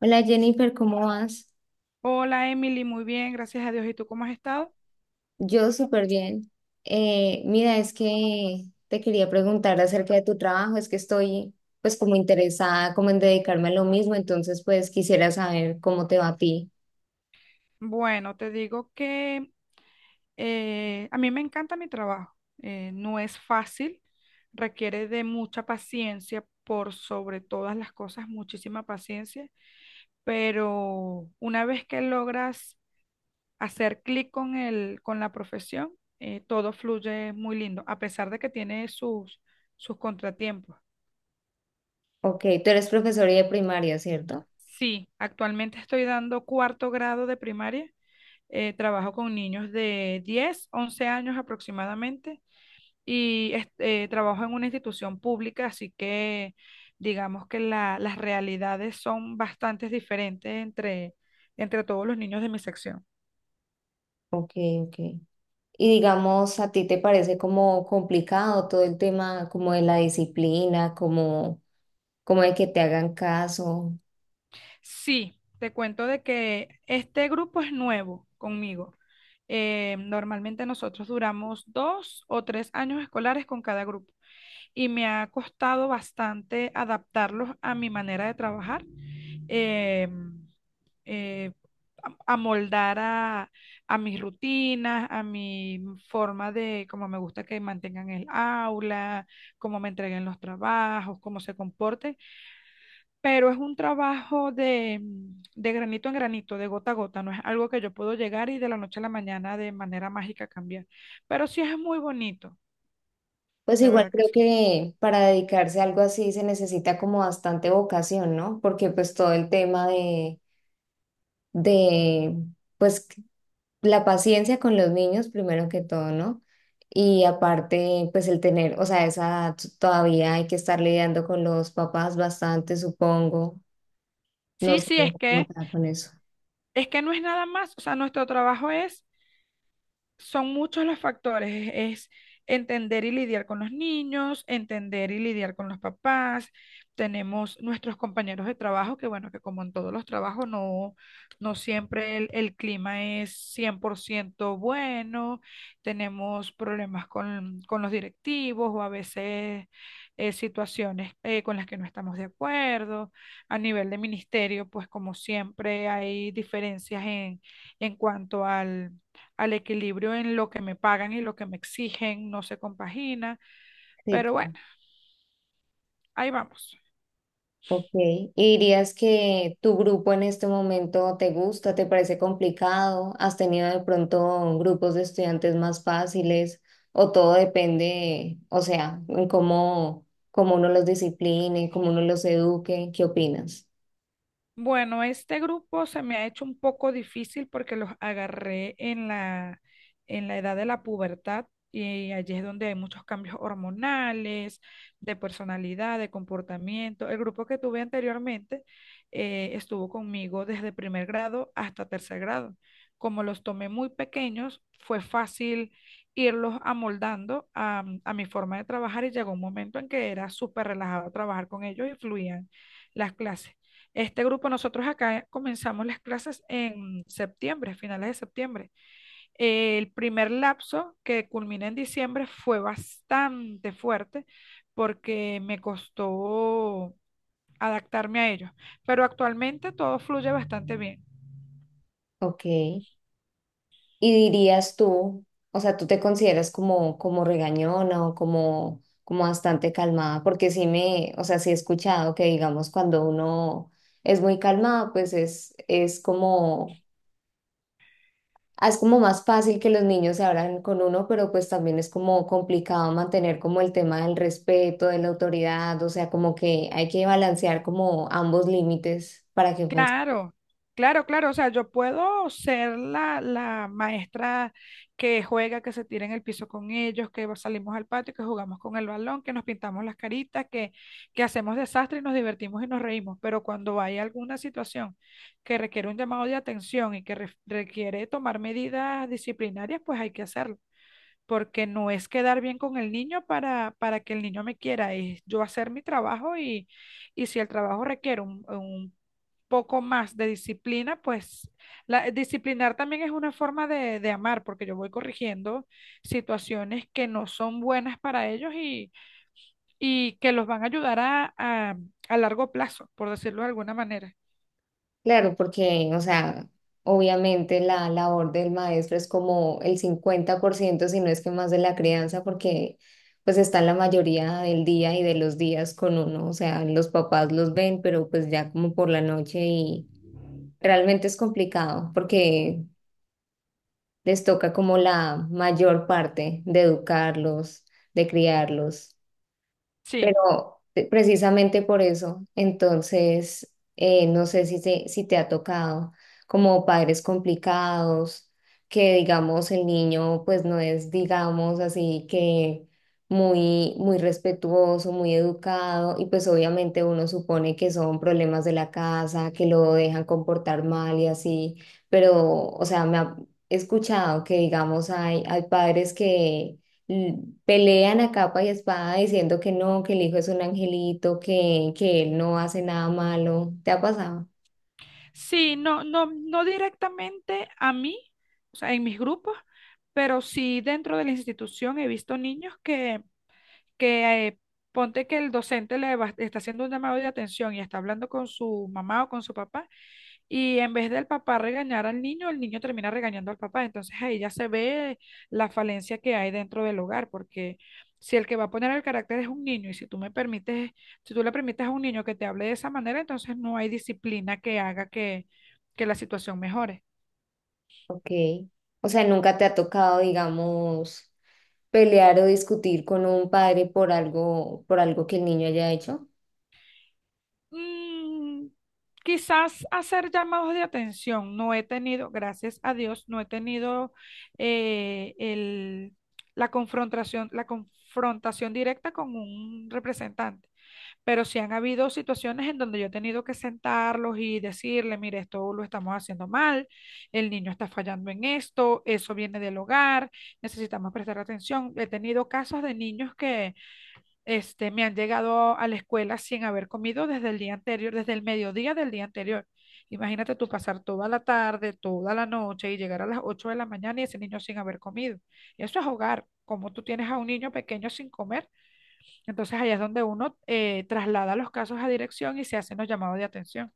Hola Jennifer, ¿cómo vas? Hola Emily, muy bien, gracias a Dios. ¿Y tú cómo has estado? Yo súper bien. Mira, es que te quería preguntar acerca de tu trabajo, es que estoy pues como interesada como en dedicarme a lo mismo, entonces pues quisiera saber cómo te va a ti. Bueno, te digo que a mí me encanta mi trabajo. No es fácil, requiere de mucha paciencia, por sobre todas las cosas, muchísima paciencia, pero una vez que logras hacer clic con con la profesión, todo fluye muy lindo, a pesar de que tiene sus contratiempos. Ok, tú eres profesora de primaria, ¿cierto? Sí, actualmente estoy dando cuarto grado de primaria. Trabajo con niños de 10, 11 años aproximadamente, y este, trabajo en una institución pública, así que digamos que las realidades son bastante diferentes entre todos los niños de mi sección. Ok, ok. Y digamos, ¿a ti te parece como complicado todo el tema como de la disciplina, como, como de que te hagan caso? Sí, te cuento de que este grupo es nuevo conmigo. Normalmente nosotros duramos 2 o 3 años escolares con cada grupo. Y me ha costado bastante adaptarlos a mi manera de trabajar, eh, eh, amoldar a mis rutinas, a mi forma de cómo me gusta que mantengan el aula, cómo me entreguen los trabajos, cómo se comporten, pero es un trabajo de granito en granito, de gota a gota. No es algo que yo puedo llegar y de la noche a la mañana de manera mágica cambiar, pero sí es muy bonito, Pues de igual verdad que creo sí. que para dedicarse a algo así se necesita como bastante vocación, ¿no? Porque pues todo el tema de, pues la paciencia con los niños primero que todo, ¿no? Y aparte, pues el tener, o sea, esa edad todavía hay que estar lidiando con los papás bastante, supongo. No Sí, sé sí, cómo está con eso. es que no es nada más, o sea, nuestro trabajo es son muchos los factores. Es entender y lidiar con los niños, entender y lidiar con los papás. Tenemos nuestros compañeros de trabajo, que bueno, que como en todos los trabajos, no, no siempre el clima es 100% bueno. Tenemos problemas con los directivos o a veces situaciones con las que no estamos de acuerdo. A nivel de ministerio, pues como siempre hay diferencias en cuanto al equilibrio en lo que me pagan y lo que me exigen, no se compagina, Sí, pero bueno, ahí vamos. ok, ¿y dirías que tu grupo en este momento te gusta, te parece complicado? ¿Has tenido de pronto grupos de estudiantes más fáciles? ¿O todo depende, o sea, en cómo, cómo uno los discipline, cómo uno los eduque? ¿Qué opinas? Bueno, este grupo se me ha hecho un poco difícil porque los agarré en la edad de la pubertad, y allí es donde hay muchos cambios hormonales, de personalidad, de comportamiento. El grupo que tuve anteriormente estuvo conmigo desde primer grado hasta tercer grado. Como los tomé muy pequeños, fue fácil irlos amoldando a mi forma de trabajar, y llegó un momento en que era súper relajado trabajar con ellos y fluían las clases. Este grupo, nosotros acá comenzamos las clases en septiembre, finales de septiembre. El primer lapso que culmina en diciembre fue bastante fuerte porque me costó adaptarme a ellos, pero actualmente todo fluye bastante bien. Ok, ¿y dirías tú, o sea, tú te consideras como, como regañona o como, como bastante calmada? Porque sí me, o sea, sí he escuchado que digamos cuando uno es muy calmado, pues es como ah, es como más fácil que los niños se abran con uno, pero pues también es como complicado mantener como el tema del respeto, de la autoridad, o sea, como que hay que balancear como ambos límites para que funcione. Claro, claro, claro. O sea, yo puedo ser la maestra que juega, que se tira en el piso con ellos, que salimos al patio, que jugamos con el balón, que nos pintamos las caritas, que hacemos desastre y nos divertimos y nos reímos. Pero cuando hay alguna situación que requiere un llamado de atención y que requiere tomar medidas disciplinarias, pues hay que hacerlo. Porque no es quedar bien con el niño para que el niño me quiera, es yo hacer mi trabajo y si el trabajo requiere un poco más de disciplina, pues disciplinar también es una forma de amar, porque yo voy corrigiendo situaciones que no son buenas para ellos y que los van a ayudar a largo plazo, por decirlo de alguna manera. Claro, porque, o sea, obviamente la labor del maestro es como el 50% si no es que más de la crianza, porque pues están la mayoría del día y de los días con uno, o sea, los papás los ven, pero pues ya como por la noche y realmente es complicado porque les toca como la mayor parte de educarlos, de criarlos. Sí, Pero precisamente por eso, entonces, no sé si te, si te ha tocado como padres complicados, que digamos el niño pues no es, digamos así que muy, muy respetuoso, muy educado, y pues obviamente uno supone que son problemas de la casa, que lo dejan comportar mal y así, pero, o sea, me ha he escuchado que digamos hay, hay padres que pelean a capa y espada diciendo que no, que el hijo es un angelito, que él no hace nada malo. ¿Te ha pasado? sí, no, no, no directamente a mí, o sea, en mis grupos, pero sí dentro de la institución he visto niños que ponte que el docente está haciendo un llamado de atención y está hablando con su mamá o con su papá. Y en vez del papá regañar al niño, el niño termina regañando al papá. Entonces ahí ya se ve la falencia que hay dentro del hogar, porque si el que va a poner el carácter es un niño, y si tú me permites, si tú le permites a un niño que te hable de esa manera, entonces no hay disciplina que haga que la situación mejore. Ok. O sea, nunca te ha tocado, digamos, pelear o discutir con un padre por algo que el niño haya hecho. Mm, Quizás hacer llamados de atención. No he tenido, gracias a Dios, no he tenido eh, el, la confrontación directa con un representante. Pero sí han habido situaciones en donde yo he tenido que sentarlos y decirle, mire, esto lo estamos haciendo mal, el niño está fallando en esto, eso viene del hogar, necesitamos prestar atención. He tenido casos de niños que este, me han llegado a la escuela sin haber comido desde el día anterior, desde el mediodía del día anterior. Imagínate tú pasar toda la tarde, toda la noche y llegar a las 8 de la mañana y ese niño sin haber comido. Eso es hogar. Como tú tienes a un niño pequeño sin comer? Entonces allá es donde uno traslada los casos a dirección y se hacen los llamados de atención.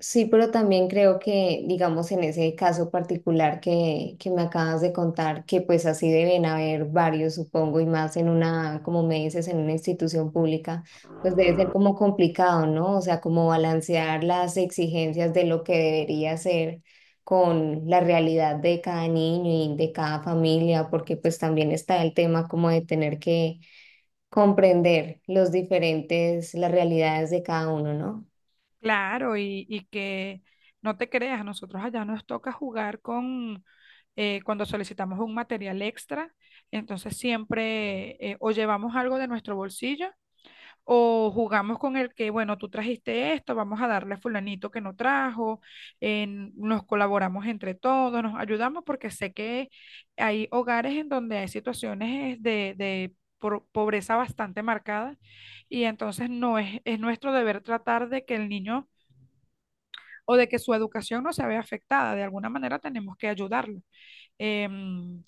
Sí, pero también creo que, digamos, en ese caso particular que me acabas de contar, que pues así deben haber varios, supongo, y más en una, como me dices, en una institución pública, pues debe ser como complicado, ¿no? O sea, como balancear las exigencias de lo que debería ser con la realidad de cada niño y de cada familia, porque pues también está el tema como de tener que comprender los diferentes, las realidades de cada uno, ¿no? Claro, y que no te creas, nosotros allá nos toca jugar con, cuando solicitamos un material extra, entonces siempre o llevamos algo de nuestro bolsillo, o jugamos con el que, bueno, tú trajiste esto, vamos a darle a fulanito que no trajo. Nos colaboramos entre todos, nos ayudamos porque sé que hay hogares en donde hay situaciones de pobreza bastante marcada, y entonces no es, es nuestro deber tratar de que el niño, o de que su educación, no se vea afectada. De alguna manera tenemos que ayudarlo. Em,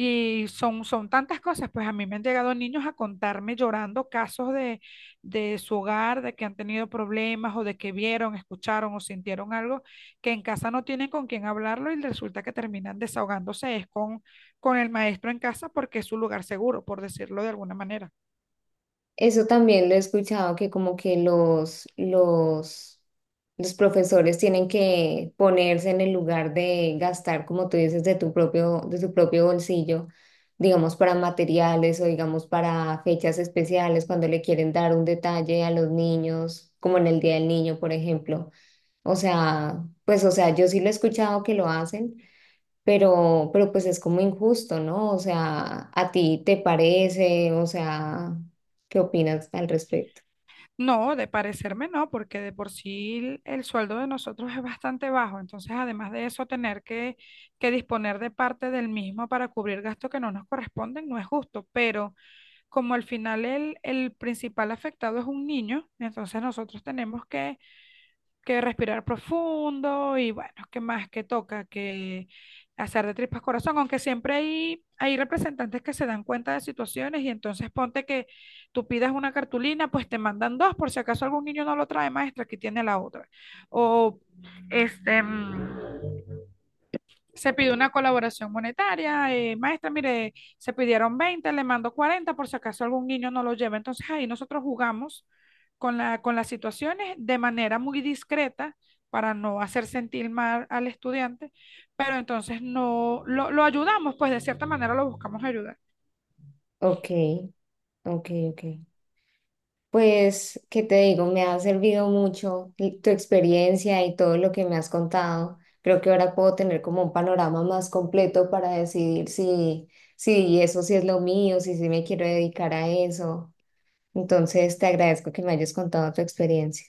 y son tantas cosas. Pues a mí me han llegado niños a contarme llorando casos de su hogar, de que han tenido problemas o de que vieron, escucharon o sintieron algo que en casa no tienen con quién hablarlo, y resulta que terminan desahogándose es con el maestro en casa porque es su lugar seguro, por decirlo de alguna manera. Eso también lo he escuchado, que como que los profesores tienen que ponerse en el lugar de gastar, como tú dices, de tu propio bolsillo, digamos, para materiales o digamos para fechas especiales, cuando le quieren dar un detalle a los niños, como en el Día del Niño, por ejemplo. O sea, pues, o sea, yo sí lo he escuchado que lo hacen pero pues es como injusto, ¿no? O sea, ¿a ti te parece? O sea, ¿qué opinas al respecto? No, de parecerme no, porque de por sí el sueldo de nosotros es bastante bajo. Entonces, además de eso, tener que disponer de parte del mismo para cubrir gastos que no nos corresponden no es justo. Pero como al final el principal afectado es un niño, entonces nosotros tenemos que respirar profundo y bueno, ¿qué más que toca? Que hacer de tripas corazón, aunque siempre hay representantes que se dan cuenta de situaciones, y entonces ponte que tú pidas una cartulina, pues te mandan dos por si acaso algún niño no lo trae, maestra, aquí tiene la otra. O este, se pidió una colaboración monetaria, maestra, mire, se pidieron 20, le mando 40 por si acaso algún niño no lo lleva. Entonces ahí nosotros jugamos con con las situaciones de manera muy discreta para no hacer sentir mal al estudiante, pero entonces no lo ayudamos, pues de cierta manera lo buscamos ayudar. Ok, ok, ok. Pues, ¿qué te digo? Me ha servido mucho y- tu experiencia y todo lo que me has contado. Creo que ahora puedo tener como un panorama más completo para decidir si, si eso sí es lo mío, si sí me quiero dedicar a eso. Entonces, te agradezco que me hayas contado tu experiencia.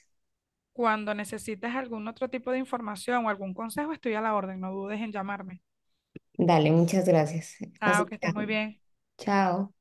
Cuando necesites algún otro tipo de información o algún consejo, estoy a la orden, no dudes en llamarme. Dale, muchas gracias. Chao, Así que que, estés muy bien. chao.